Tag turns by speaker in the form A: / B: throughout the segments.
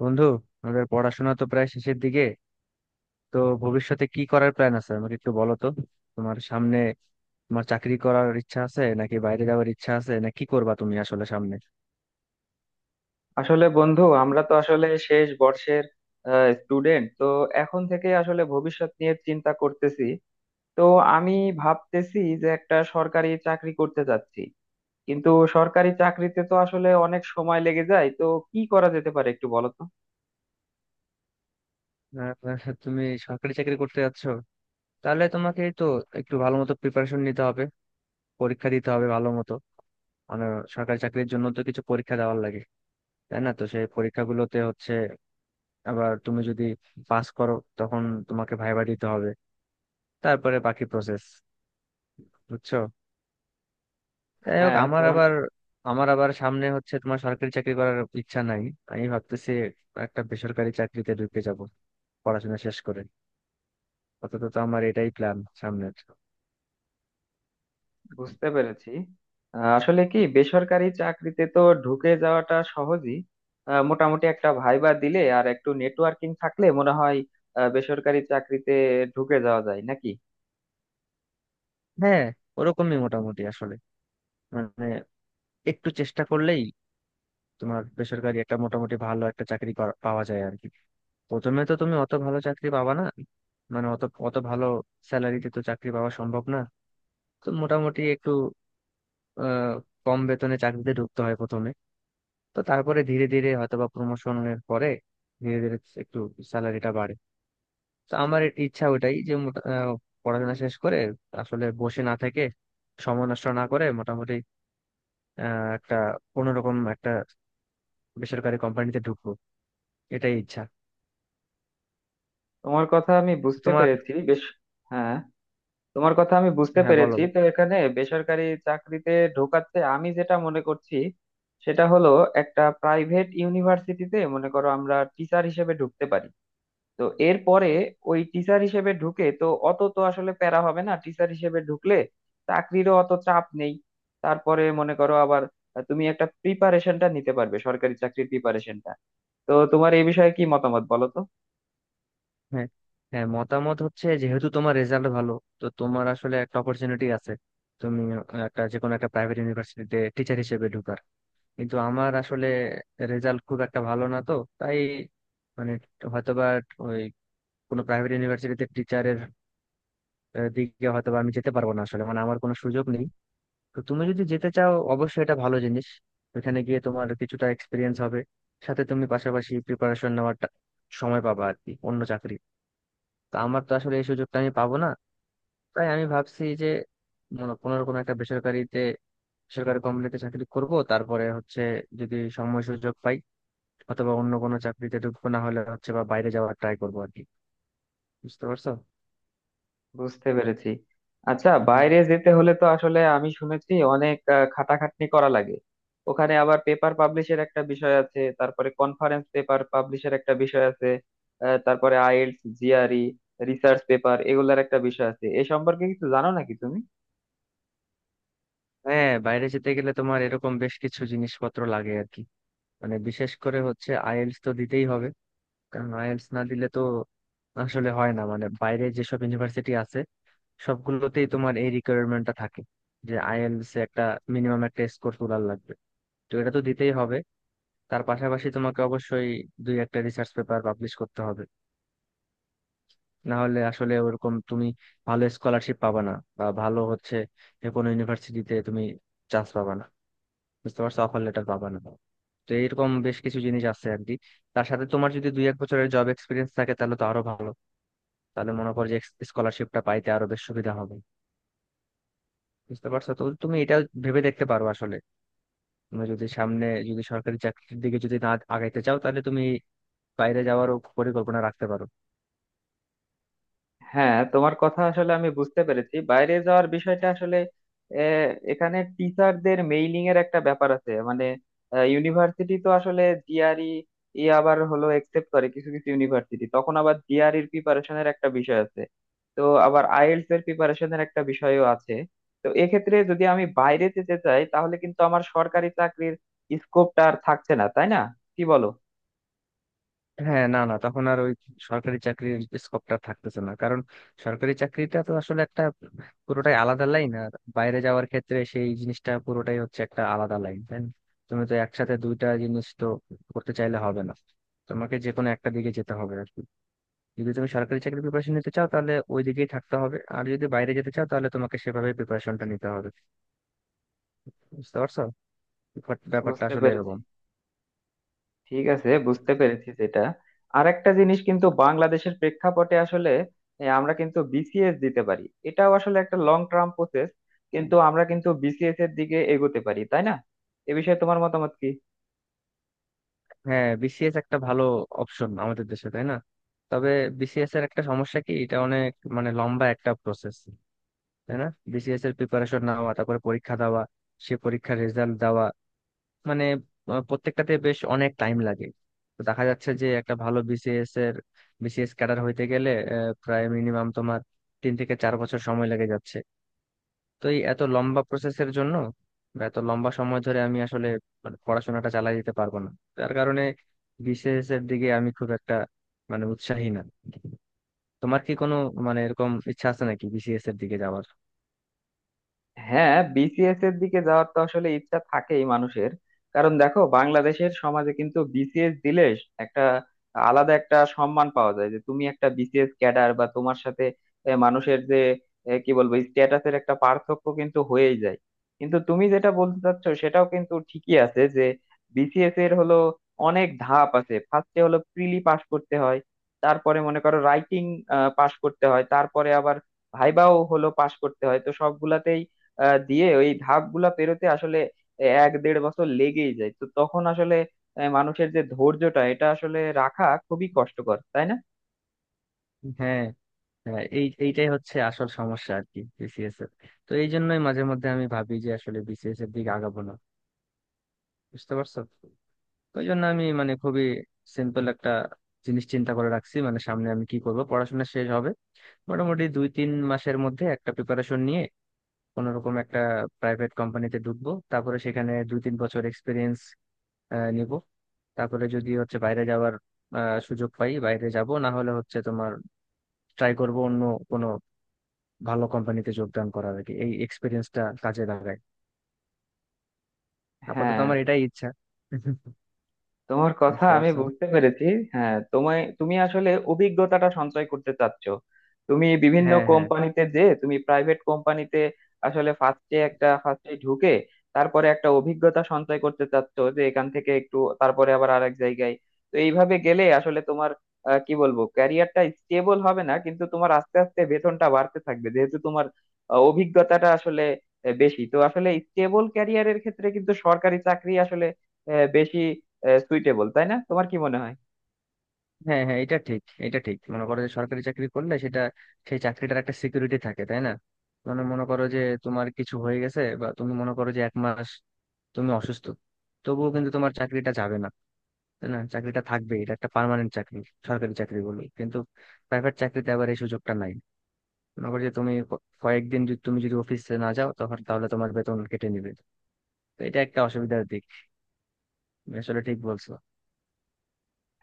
A: বন্ধু, আমাদের পড়াশোনা তো প্রায় শেষের দিকে। তো ভবিষ্যতে কি করার প্ল্যান আছে আমাকে একটু বলো তো। তোমার সামনে তোমার চাকরি করার ইচ্ছা আছে নাকি বাইরে যাওয়ার ইচ্ছা আছে, না কি করবা তুমি আসলে সামনে?
B: আসলে বন্ধু, আমরা তো আসলে শেষ বর্ষের স্টুডেন্ট, তো এখন থেকে আসলে ভবিষ্যৎ নিয়ে চিন্তা করতেছি। তো আমি ভাবতেছি যে একটা সরকারি চাকরি করতে যাচ্ছি, কিন্তু সরকারি চাকরিতে তো আসলে অনেক সময় লেগে যায়। তো কি করা যেতে পারে একটু বলো তো।
A: আহ, তুমি সরকারি চাকরি করতে যাচ্ছ, তাহলে তোমাকে তো একটু ভালো মতো প্রিপারেশন নিতে হবে, পরীক্ষা দিতে হবে ভালো মতো। মানে সরকারি চাকরির জন্য তো কিছু পরীক্ষা দেওয়ার লাগে, তাই না? তো সেই পরীক্ষাগুলোতে হচ্ছে, আবার তুমি যদি পাস করো তখন তোমাকে ভাইবা দিতে হবে, তারপরে বাকি প্রসেস। বুঝছো? যাই হোক,
B: হ্যাঁ তোমার।
A: আমার আবার সামনে হচ্ছে, তোমার সরকারি চাকরি করার ইচ্ছা নাই। আমি ভাবতেছি একটা বেসরকারি চাকরিতে ঢুকে যাব, পড়াশোনা শেষ করে। অন্তত তো আমার এটাই প্ল্যান সামনের।
B: বুঝতে পেরেছি। আসলে কি, বেসরকারি চাকরিতে তো ঢুকে যাওয়াটা সহজই। মোটামুটি একটা ভাইবা দিলে আর একটু নেটওয়ার্কিং থাকলে মনে হয় বেসরকারি চাকরিতে ঢুকে যাওয়া যায় নাকি।
A: হ্যাঁ, ওরকমই মোটামুটি আসলে। মানে একটু চেষ্টা করলেই তোমার বেসরকারি একটা মোটামুটি ভালো একটা চাকরি পাওয়া যায় আর কি। প্রথমে তো তুমি অত ভালো চাকরি পাবা না। মানে অত অত ভালো স্যালারিতে তো চাকরি পাওয়া সম্ভব না। তো মোটামুটি একটু আহ কম বেতনে চাকরিতে ঢুকতে হয় প্রথমে। তো তারপরে ধীরে ধীরে হয়তোবা প্রমোশনের পরে ধীরে ধীরে একটু স্যালারিটা বাড়ে। তো আমার ইচ্ছা ওটাই, যে পড়াশোনা শেষ করে আসলে বসে না থেকে, সময় নষ্ট না করে মোটামুটি একটা কোনোরকম একটা বেসরকারি কোম্পানিতে ঢুকবো, এটাই ইচ্ছা।
B: তোমার কথা আমি
A: তো
B: বুঝতে
A: তোমার?
B: পেরেছি বেশ। হ্যাঁ, তোমার কথা আমি বুঝতে
A: হ্যাঁ বলো।
B: পেরেছি। তো এখানে বেসরকারি চাকরিতে ঢোকাতে আমি যেটা মনে করছি, সেটা হলো একটা প্রাইভেট ইউনিভার্সিটিতে মনে করো আমরা টিচার হিসেবে ঢুকতে পারি। তো এরপরে ওই টিচার হিসেবে ঢুকে তো অত তো আসলে প্যারা হবে না, টিচার হিসেবে ঢুকলে চাকরিরও অত চাপ নেই। তারপরে মনে করো আবার তুমি একটা প্রিপারেশনটা নিতে পারবে, সরকারি চাকরির প্রিপারেশনটা। তো তোমার এই বিষয়ে কি মতামত বলো তো।
A: হ্যাঁ, মতামত হচ্ছে, যেহেতু তোমার রেজাল্ট ভালো, তো তোমার আসলে একটা অপরচুনিটি আছে, তুমি একটা যে কোনো একটা প্রাইভেট ইউনিভার্সিটিতে টিচার হিসেবে ঢুকার। কিন্তু আমার আসলে রেজাল্ট খুব একটা ভালো না তো। তাই, মানে হয়তোবা ওই কোনো প্রাইভেট ইউনিভার্সিটিতে টিচারের দিকে হয়তোবা আমি যেতে পারবো না আসলে, মানে আমার কোনো সুযোগ নেই। তো তুমি যদি যেতে চাও অবশ্যই এটা ভালো জিনিস, ওখানে গিয়ে তোমার কিছুটা এক্সপিরিয়েন্স হবে, সাথে তুমি পাশাপাশি প্রিপারেশন সময় পাবা আর কি, অন্য চাকরি। তো আমার তো আসলে এই সুযোগটা আমি পাবো না। তাই আমি ভাবছি যে কোনো না কোনো একটা বেসরকারিতে, বেসরকারি কোম্পানিতে চাকরি করব। তারপরে হচ্ছে, যদি সময় সুযোগ পাই অথবা অন্য কোনো চাকরিতে ঢুকবো, না হলে হচ্ছে বা বাইরে যাওয়ার ট্রাই করবো আর কি। বুঝতে পারছো?
B: বুঝতে পেরেছি। আচ্ছা, বাইরে
A: হুম।
B: যেতে হলে তো আসলে আমি শুনেছি অনেক খাটাখাটনি করা লাগে। ওখানে আবার পেপার পাবলিশের একটা বিষয় আছে, তারপরে কনফারেন্স পেপার পাবলিশের একটা বিষয় আছে, তারপরে আইএলটিএস, জিআরই, রিসার্চ পেপার এগুলার একটা বিষয় আছে। এ সম্পর্কে কিছু জানো নাকি তুমি?
A: হ্যাঁ, বাইরে যেতে গেলে তোমার এরকম বেশ কিছু জিনিসপত্র লাগে আর কি। মানে বিশেষ করে হচ্ছে আইএলটিএস তো দিতেই হবে। কারণ আইএলটিএস না দিলে তো আসলে হয় না। মানে বাইরে যেসব ইউনিভার্সিটি আছে সবগুলোতেই তোমার এই রিকোয়ারমেন্টটা থাকে, যে আইএলটিএস একটা মিনিমাম একটা স্কোর তোলার লাগবে। তো এটা তো দিতেই হবে। তার পাশাপাশি তোমাকে অবশ্যই দুই একটা রিসার্চ পেপার পাবলিশ করতে হবে। না হলে আসলে ওরকম তুমি ভালো স্কলারশিপ পাবা না, বা ভালো হচ্ছে, যে কোনো ইউনিভার্সিটিতে তুমি চান্স পাবা না, বুঝতে পারছো, অফার লেটার পাবা না। তো এরকম বেশ কিছু জিনিস আছে আর কি। তার সাথে তোমার যদি দুই এক বছরের জব এক্সপিরিয়েন্স থাকে তাহলে তো আরো ভালো। তাহলে মনে করো যে স্কলারশিপটা পাইতে আরো বেশ সুবিধা হবে। বুঝতে পারছো? তো তুমি এটা ভেবে দেখতে পারো আসলে। তুমি যদি সামনে, যদি সরকারি চাকরির দিকে যদি না আগাইতে চাও, তাহলে তুমি বাইরে যাওয়ারও পরিকল্পনা রাখতে পারো।
B: হ্যাঁ, তোমার কথা আসলে আমি বুঝতে পেরেছি। বাইরে যাওয়ার বিষয়টা আসলে আহ, এখানে টিচারদের মেইলিং এর একটা ব্যাপার আছে, মানে ইউনিভার্সিটি তো আসলে জিআরই ই আবার হলো একসেপ্ট করে কিছু কিছু ইউনিভার্সিটি, তখন আবার জিআরইর প্রিপারেশনের একটা বিষয় আছে। তো আবার আইএলটিএস এর প্রিপারেশনের একটা বিষয়ও আছে। তো এক্ষেত্রে যদি আমি বাইরে যেতে চাই, তাহলে কিন্তু আমার সরকারি চাকরির স্কোপটা আর থাকছে না, তাই না? কি বলো?
A: হ্যাঁ, না না, তখন আর ওই সরকারি চাকরির স্কোপটা থাকতেছে না। কারণ সরকারি চাকরিটা তো আসলে একটা পুরোটাই আলাদা লাইন, আর বাইরে যাওয়ার ক্ষেত্রে সেই জিনিসটা পুরোটাই হচ্ছে একটা আলাদা লাইন, তাই না। তুমি তো একসাথে দুইটা জিনিস তো করতে চাইলে হবে না। তোমাকে যে কোনো একটা দিকে যেতে হবে আর কি। যদি তুমি সরকারি চাকরির প্রিপারেশন নিতে চাও তাহলে ওই দিকেই থাকতে হবে, আর যদি বাইরে যেতে চাও তাহলে তোমাকে সেভাবে প্রিপারেশনটা নিতে হবে। বুঝতে পারছো? ব্যাপারটা ব্যাপারটা
B: বুঝতে
A: আসলে
B: পেরেছি।
A: এরকম।
B: ঠিক আছে, বুঝতে পেরেছি সেটা। আর একটা জিনিস, কিন্তু বাংলাদেশের প্রেক্ষাপটে আসলে, আমরা কিন্তু বিসিএস দিতে পারি। এটাও আসলে একটা লং টার্ম প্রসেস, কিন্তু আমরা কিন্তু বিসিএস এর দিকে এগোতে পারি, তাই না? এ বিষয়ে তোমার মতামত কি?
A: হ্যাঁ, বিসিএস একটা ভালো অপশন আমাদের দেশে, তাই না। তবে বিসিএস এর একটা সমস্যা কি, এটা অনেক মানে লম্বা একটা প্রসেস, তাই না। বিসিএস এর প্রিপারেশন নেওয়া, তারপরে পরীক্ষা দেওয়া, সে পরীক্ষার রেজাল্ট দেওয়া, মানে প্রত্যেকটাতে বেশ অনেক টাইম লাগে। তো দেখা যাচ্ছে যে একটা ভালো বিসিএস ক্যাডার হইতে গেলে প্রায় মিনিমাম তোমার 3 থেকে 4 বছর সময় লেগে যাচ্ছে। তো এই এত লম্বা প্রসেসের জন্য বা এত লম্বা সময় ধরে আমি আসলে মানে পড়াশোনাটা চালাই যেতে পারবো না। তার কারণে বিসিএস এর দিকে আমি খুব একটা মানে উৎসাহী না। তোমার কি কোনো মানে এরকম ইচ্ছা আছে নাকি বিসিএস এর দিকে যাওয়ার?
B: হ্যাঁ, বিসিএস এর দিকে যাওয়ার তো আসলে ইচ্ছা থাকেই মানুষের। কারণ দেখো, বাংলাদেশের সমাজে কিন্তু বিসিএস দিলে একটা আলাদা একটা সম্মান পাওয়া যায় যে তুমি একটা বিসিএস ক্যাডার, বা তোমার সাথে মানুষের যে কি বলবো, স্ট্যাটাসের একটা পার্থক্য কিন্তু হয়েই যায়। কিন্তু তুমি যেটা বলতে চাচ্ছ সেটাও কিন্তু ঠিকই আছে যে বিসিএস এর হলো অনেক ধাপ আছে। ফার্স্টে হলো প্রিলি পাস করতে হয়, তারপরে মনে করো রাইটিং পাস করতে হয়, তারপরে আবার ভাইভাও হলো পাস করতে হয়। তো সবগুলাতেই দিয়ে ওই ধাপগুলা পেরোতে আসলে এক দেড় বছর লেগেই যায়। তো তখন আসলে মানুষের যে ধৈর্যটা, এটা আসলে রাখা খুবই কষ্টকর, তাই না?
A: হ্যাঁ হ্যাঁ, এইটাই হচ্ছে আসল সমস্যা আর কি বিসিএস এর। তো এই জন্যই মাঝে মধ্যে আমি ভাবি যে আসলে বিসিএস এর দিকে আগাবো না, বুঝতে পারছো। ওই জন্য আমি মানে খুবই সিম্পল একটা জিনিস চিন্তা করে রাখছি, মানে সামনে আমি কি করব। পড়াশোনা শেষ হবে মোটামুটি, দুই তিন মাসের মধ্যে একটা প্রিপারেশন নিয়ে কোনো রকম একটা প্রাইভেট কোম্পানিতে ঢুকবো, তারপরে সেখানে দুই তিন বছর এক্সপিরিয়েন্স নিব। তারপরে যদি হচ্ছে বাইরে যাওয়ার সুযোগ পাই বাইরে যাব, না হলে হচ্ছে তোমার ট্রাই করব অন্য কোনো ভালো কোম্পানিতে যোগদান করার আর কি, এই এক্সপিরিয়েন্সটা কাজে লাগায়। আপাতত
B: হ্যাঁ,
A: আমার এটাই ইচ্ছা।
B: তোমার কথা
A: বুঝতে
B: আমি
A: পারছো?
B: বুঝতে পেরেছি। হ্যাঁ, তোমায় তুমি আসলে অভিজ্ঞতাটা সঞ্চয় করতে চাচ্ছ। তুমি বিভিন্ন
A: হ্যাঁ, হ্যাঁ,
B: কোম্পানিতে, যে তুমি প্রাইভেট কোম্পানিতে আসলে ফার্স্টে একটা ফার্স্টে ঢুকে তারপরে একটা অভিজ্ঞতা সঞ্চয় করতে চাচ্ছ, যে এখান থেকে একটু তারপরে আবার আরেক জায়গায়। তো এইভাবে গেলে আসলে তোমার কি বলবো, ক্যারিয়ারটা স্টেবল হবে না, কিন্তু তোমার আস্তে আস্তে বেতনটা বাড়তে থাকবে, যেহেতু তোমার অভিজ্ঞতাটা আসলে বেশি। তো আসলে স্টেবল ক্যারিয়ারের ক্ষেত্রে কিন্তু সরকারি চাকরি আসলে বেশি সুইটেবল, তাই না? তোমার কি মনে হয়?
A: হ্যাঁ, হ্যাঁ, এটা ঠিক, মনে করো যে সরকারি চাকরি করলে সেটা, সেই চাকরিটার একটা সিকিউরিটি থাকে তাই না। মানে মনে করো যে তোমার কিছু হয়ে গেছে, বা তুমি মনে করো যে এক মাস তুমি অসুস্থ, তবুও কিন্তু তোমার চাকরিটা যাবে না, তাই না। চাকরিটা থাকবে, এটা একটা পার্মানেন্ট চাকরি সরকারি চাকরি বলে। কিন্তু প্রাইভেট চাকরিতে আবার এই সুযোগটা নাই। মনে করো যে তুমি কয়েকদিন যদি, তুমি যদি অফিসে না যাও তখন, তাহলে তোমার বেতন কেটে নিবে। তো এটা একটা অসুবিধার দিক, তুমি আসলে ঠিক বলছো।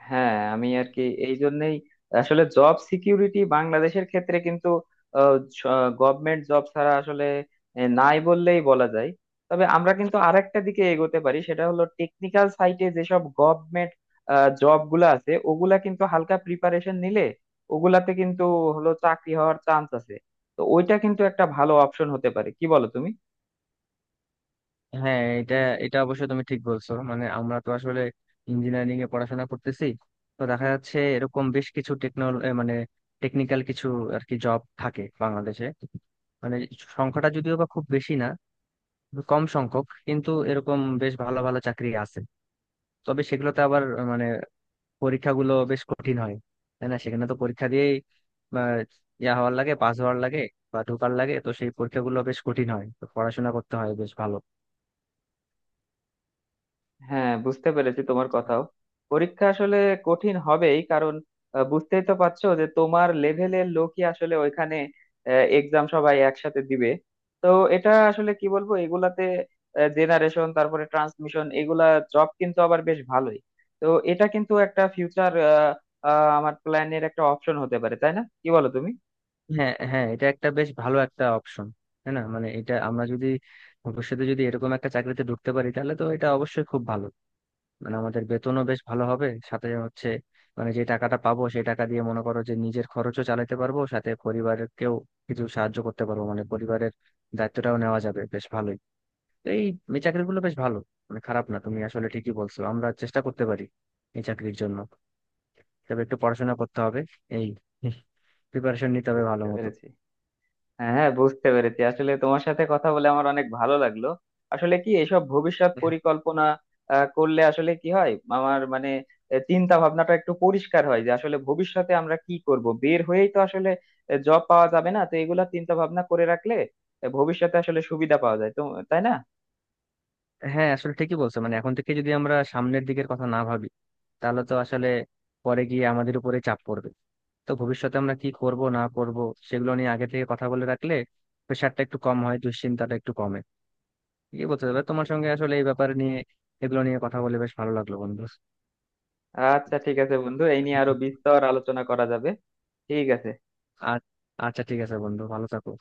B: হ্যাঁ, আমি আর কি, এই জন্যই আসলে জব সিকিউরিটি বাংলাদেশের ক্ষেত্রে কিন্তু গভর্নমেন্ট জব ছাড়া আসলে নাই বললেই বলা যায়। তবে আমরা কিন্তু আরেকটা দিকে এগোতে পারি, সেটা হলো টেকনিক্যাল সাইটে যেসব গভর্নমেন্ট জব গুলা আছে ওগুলা কিন্তু হালকা প্রিপারেশন নিলে ওগুলাতে কিন্তু হলো চাকরি হওয়ার চান্স আছে। তো ওইটা কিন্তু একটা ভালো অপশন হতে পারে, কি বলো তুমি?
A: হ্যাঁ, এটা এটা অবশ্য তুমি ঠিক বলছো, মানে আমরা তো আসলে ইঞ্জিনিয়ারিং এ পড়াশোনা করতেছি। তো দেখা যাচ্ছে এরকম বেশ কিছু মানে টেকনিক্যাল কিছু আর কি জব থাকে বাংলাদেশে। মানে সংখ্যাটা যদিও বা খুব বেশি না, কম সংখ্যক, কিন্তু এরকম বেশ ভালো ভালো চাকরি আছে। তবে সেগুলোতে আবার মানে পরীক্ষাগুলো বেশ কঠিন হয়, তাই না। সেখানে তো পরীক্ষা দিয়েই, বা ইয়া হওয়ার লাগে পাস হওয়ার লাগে বা ঢোকার লাগে। তো সেই পরীক্ষাগুলো বেশ কঠিন হয়, তো পড়াশোনা করতে হয় বেশ ভালো।
B: হ্যাঁ, বুঝতে পেরেছি তোমার কথাও। পরীক্ষা আসলে কঠিন হবেই, কারণ বুঝতেই তো পারছো যে তোমার লেভেলের লোকই আসলে ওইখানে এক্সাম সবাই একসাথে দিবে। তো এটা আসলে কি বলবো, এগুলাতে জেনারেশন, তারপরে ট্রান্সমিশন, এগুলা জব কিন্তু আবার বেশ ভালোই। তো এটা কিন্তু একটা ফিউচার, আমার প্ল্যানের একটা অপশন হতে পারে, তাই না? কি বলো তুমি?
A: হ্যাঁ হ্যাঁ, এটা একটা বেশ ভালো একটা অপশন তাই না। মানে এটা আমরা যদি ভবিষ্যতে যদি এরকম একটা চাকরিতে ঢুকতে পারি তাহলে তো এটা অবশ্যই খুব ভালো। মানে আমাদের বেতনও বেশ ভালো হবে, সাথে হচ্ছে মানে যে টাকাটা পাবো সেই টাকা দিয়ে মনে করো যে নিজের খরচও চালাতে পারবো, সাথে পরিবারকেও কিছু সাহায্য করতে পারবো, মানে পরিবারের দায়িত্বটাও নেওয়া যাবে বেশ ভালোই। তো এই এই চাকরিগুলো বেশ ভালো, মানে খারাপ না। তুমি আসলে ঠিকই বলছো, আমরা চেষ্টা করতে পারি এই চাকরির জন্য, তবে একটু পড়াশোনা করতে হবে, এই প্রিপারেশন নিতে হবে ভালো
B: বুঝতে
A: মতো।
B: পেরেছি। হ্যাঁ হ্যাঁ, বুঝতে পেরেছি। আসলে তোমার সাথে কথা বলে আমার অনেক ভালো লাগলো। আসলে কি, এসব ভবিষ্যৎ পরিকল্পনা করলে আসলে কি হয় আমার, মানে, চিন্তা ভাবনাটা একটু পরিষ্কার হয় যে আসলে ভবিষ্যতে আমরা কি করব। বের হয়েই তো আসলে জব পাওয়া যাবে না, তো এগুলা চিন্তা ভাবনা করে রাখলে, ভবিষ্যতে আসলে সুবিধা পাওয়া যায় তো, তাই না?
A: হ্যাঁ, আসলে ঠিকই বলছো, মানে এখন থেকে যদি আমরা সামনের দিকের কথা না ভাবি, তাহলে তো আসলে পরে গিয়ে আমাদের উপরে চাপ পড়বে। তো ভবিষ্যতে আমরা কি করব না করব, সেগুলো নিয়ে আগে থেকে কথা বলে রাখলে প্রেশারটা একটু কম হয়, দুশ্চিন্তাটা একটু কমে। এই বলতে হবে, তোমার সঙ্গে আসলে এই ব্যাপারে নিয়ে এগুলো নিয়ে কথা বলে বেশ ভালো লাগলো বন্ধু।
B: আচ্ছা ঠিক আছে বন্ধু, এই নিয়ে আরো বিস্তর আলোচনা করা যাবে। ঠিক আছে।
A: আর আচ্ছা, ঠিক আছে বন্ধু, ভালো থাকো।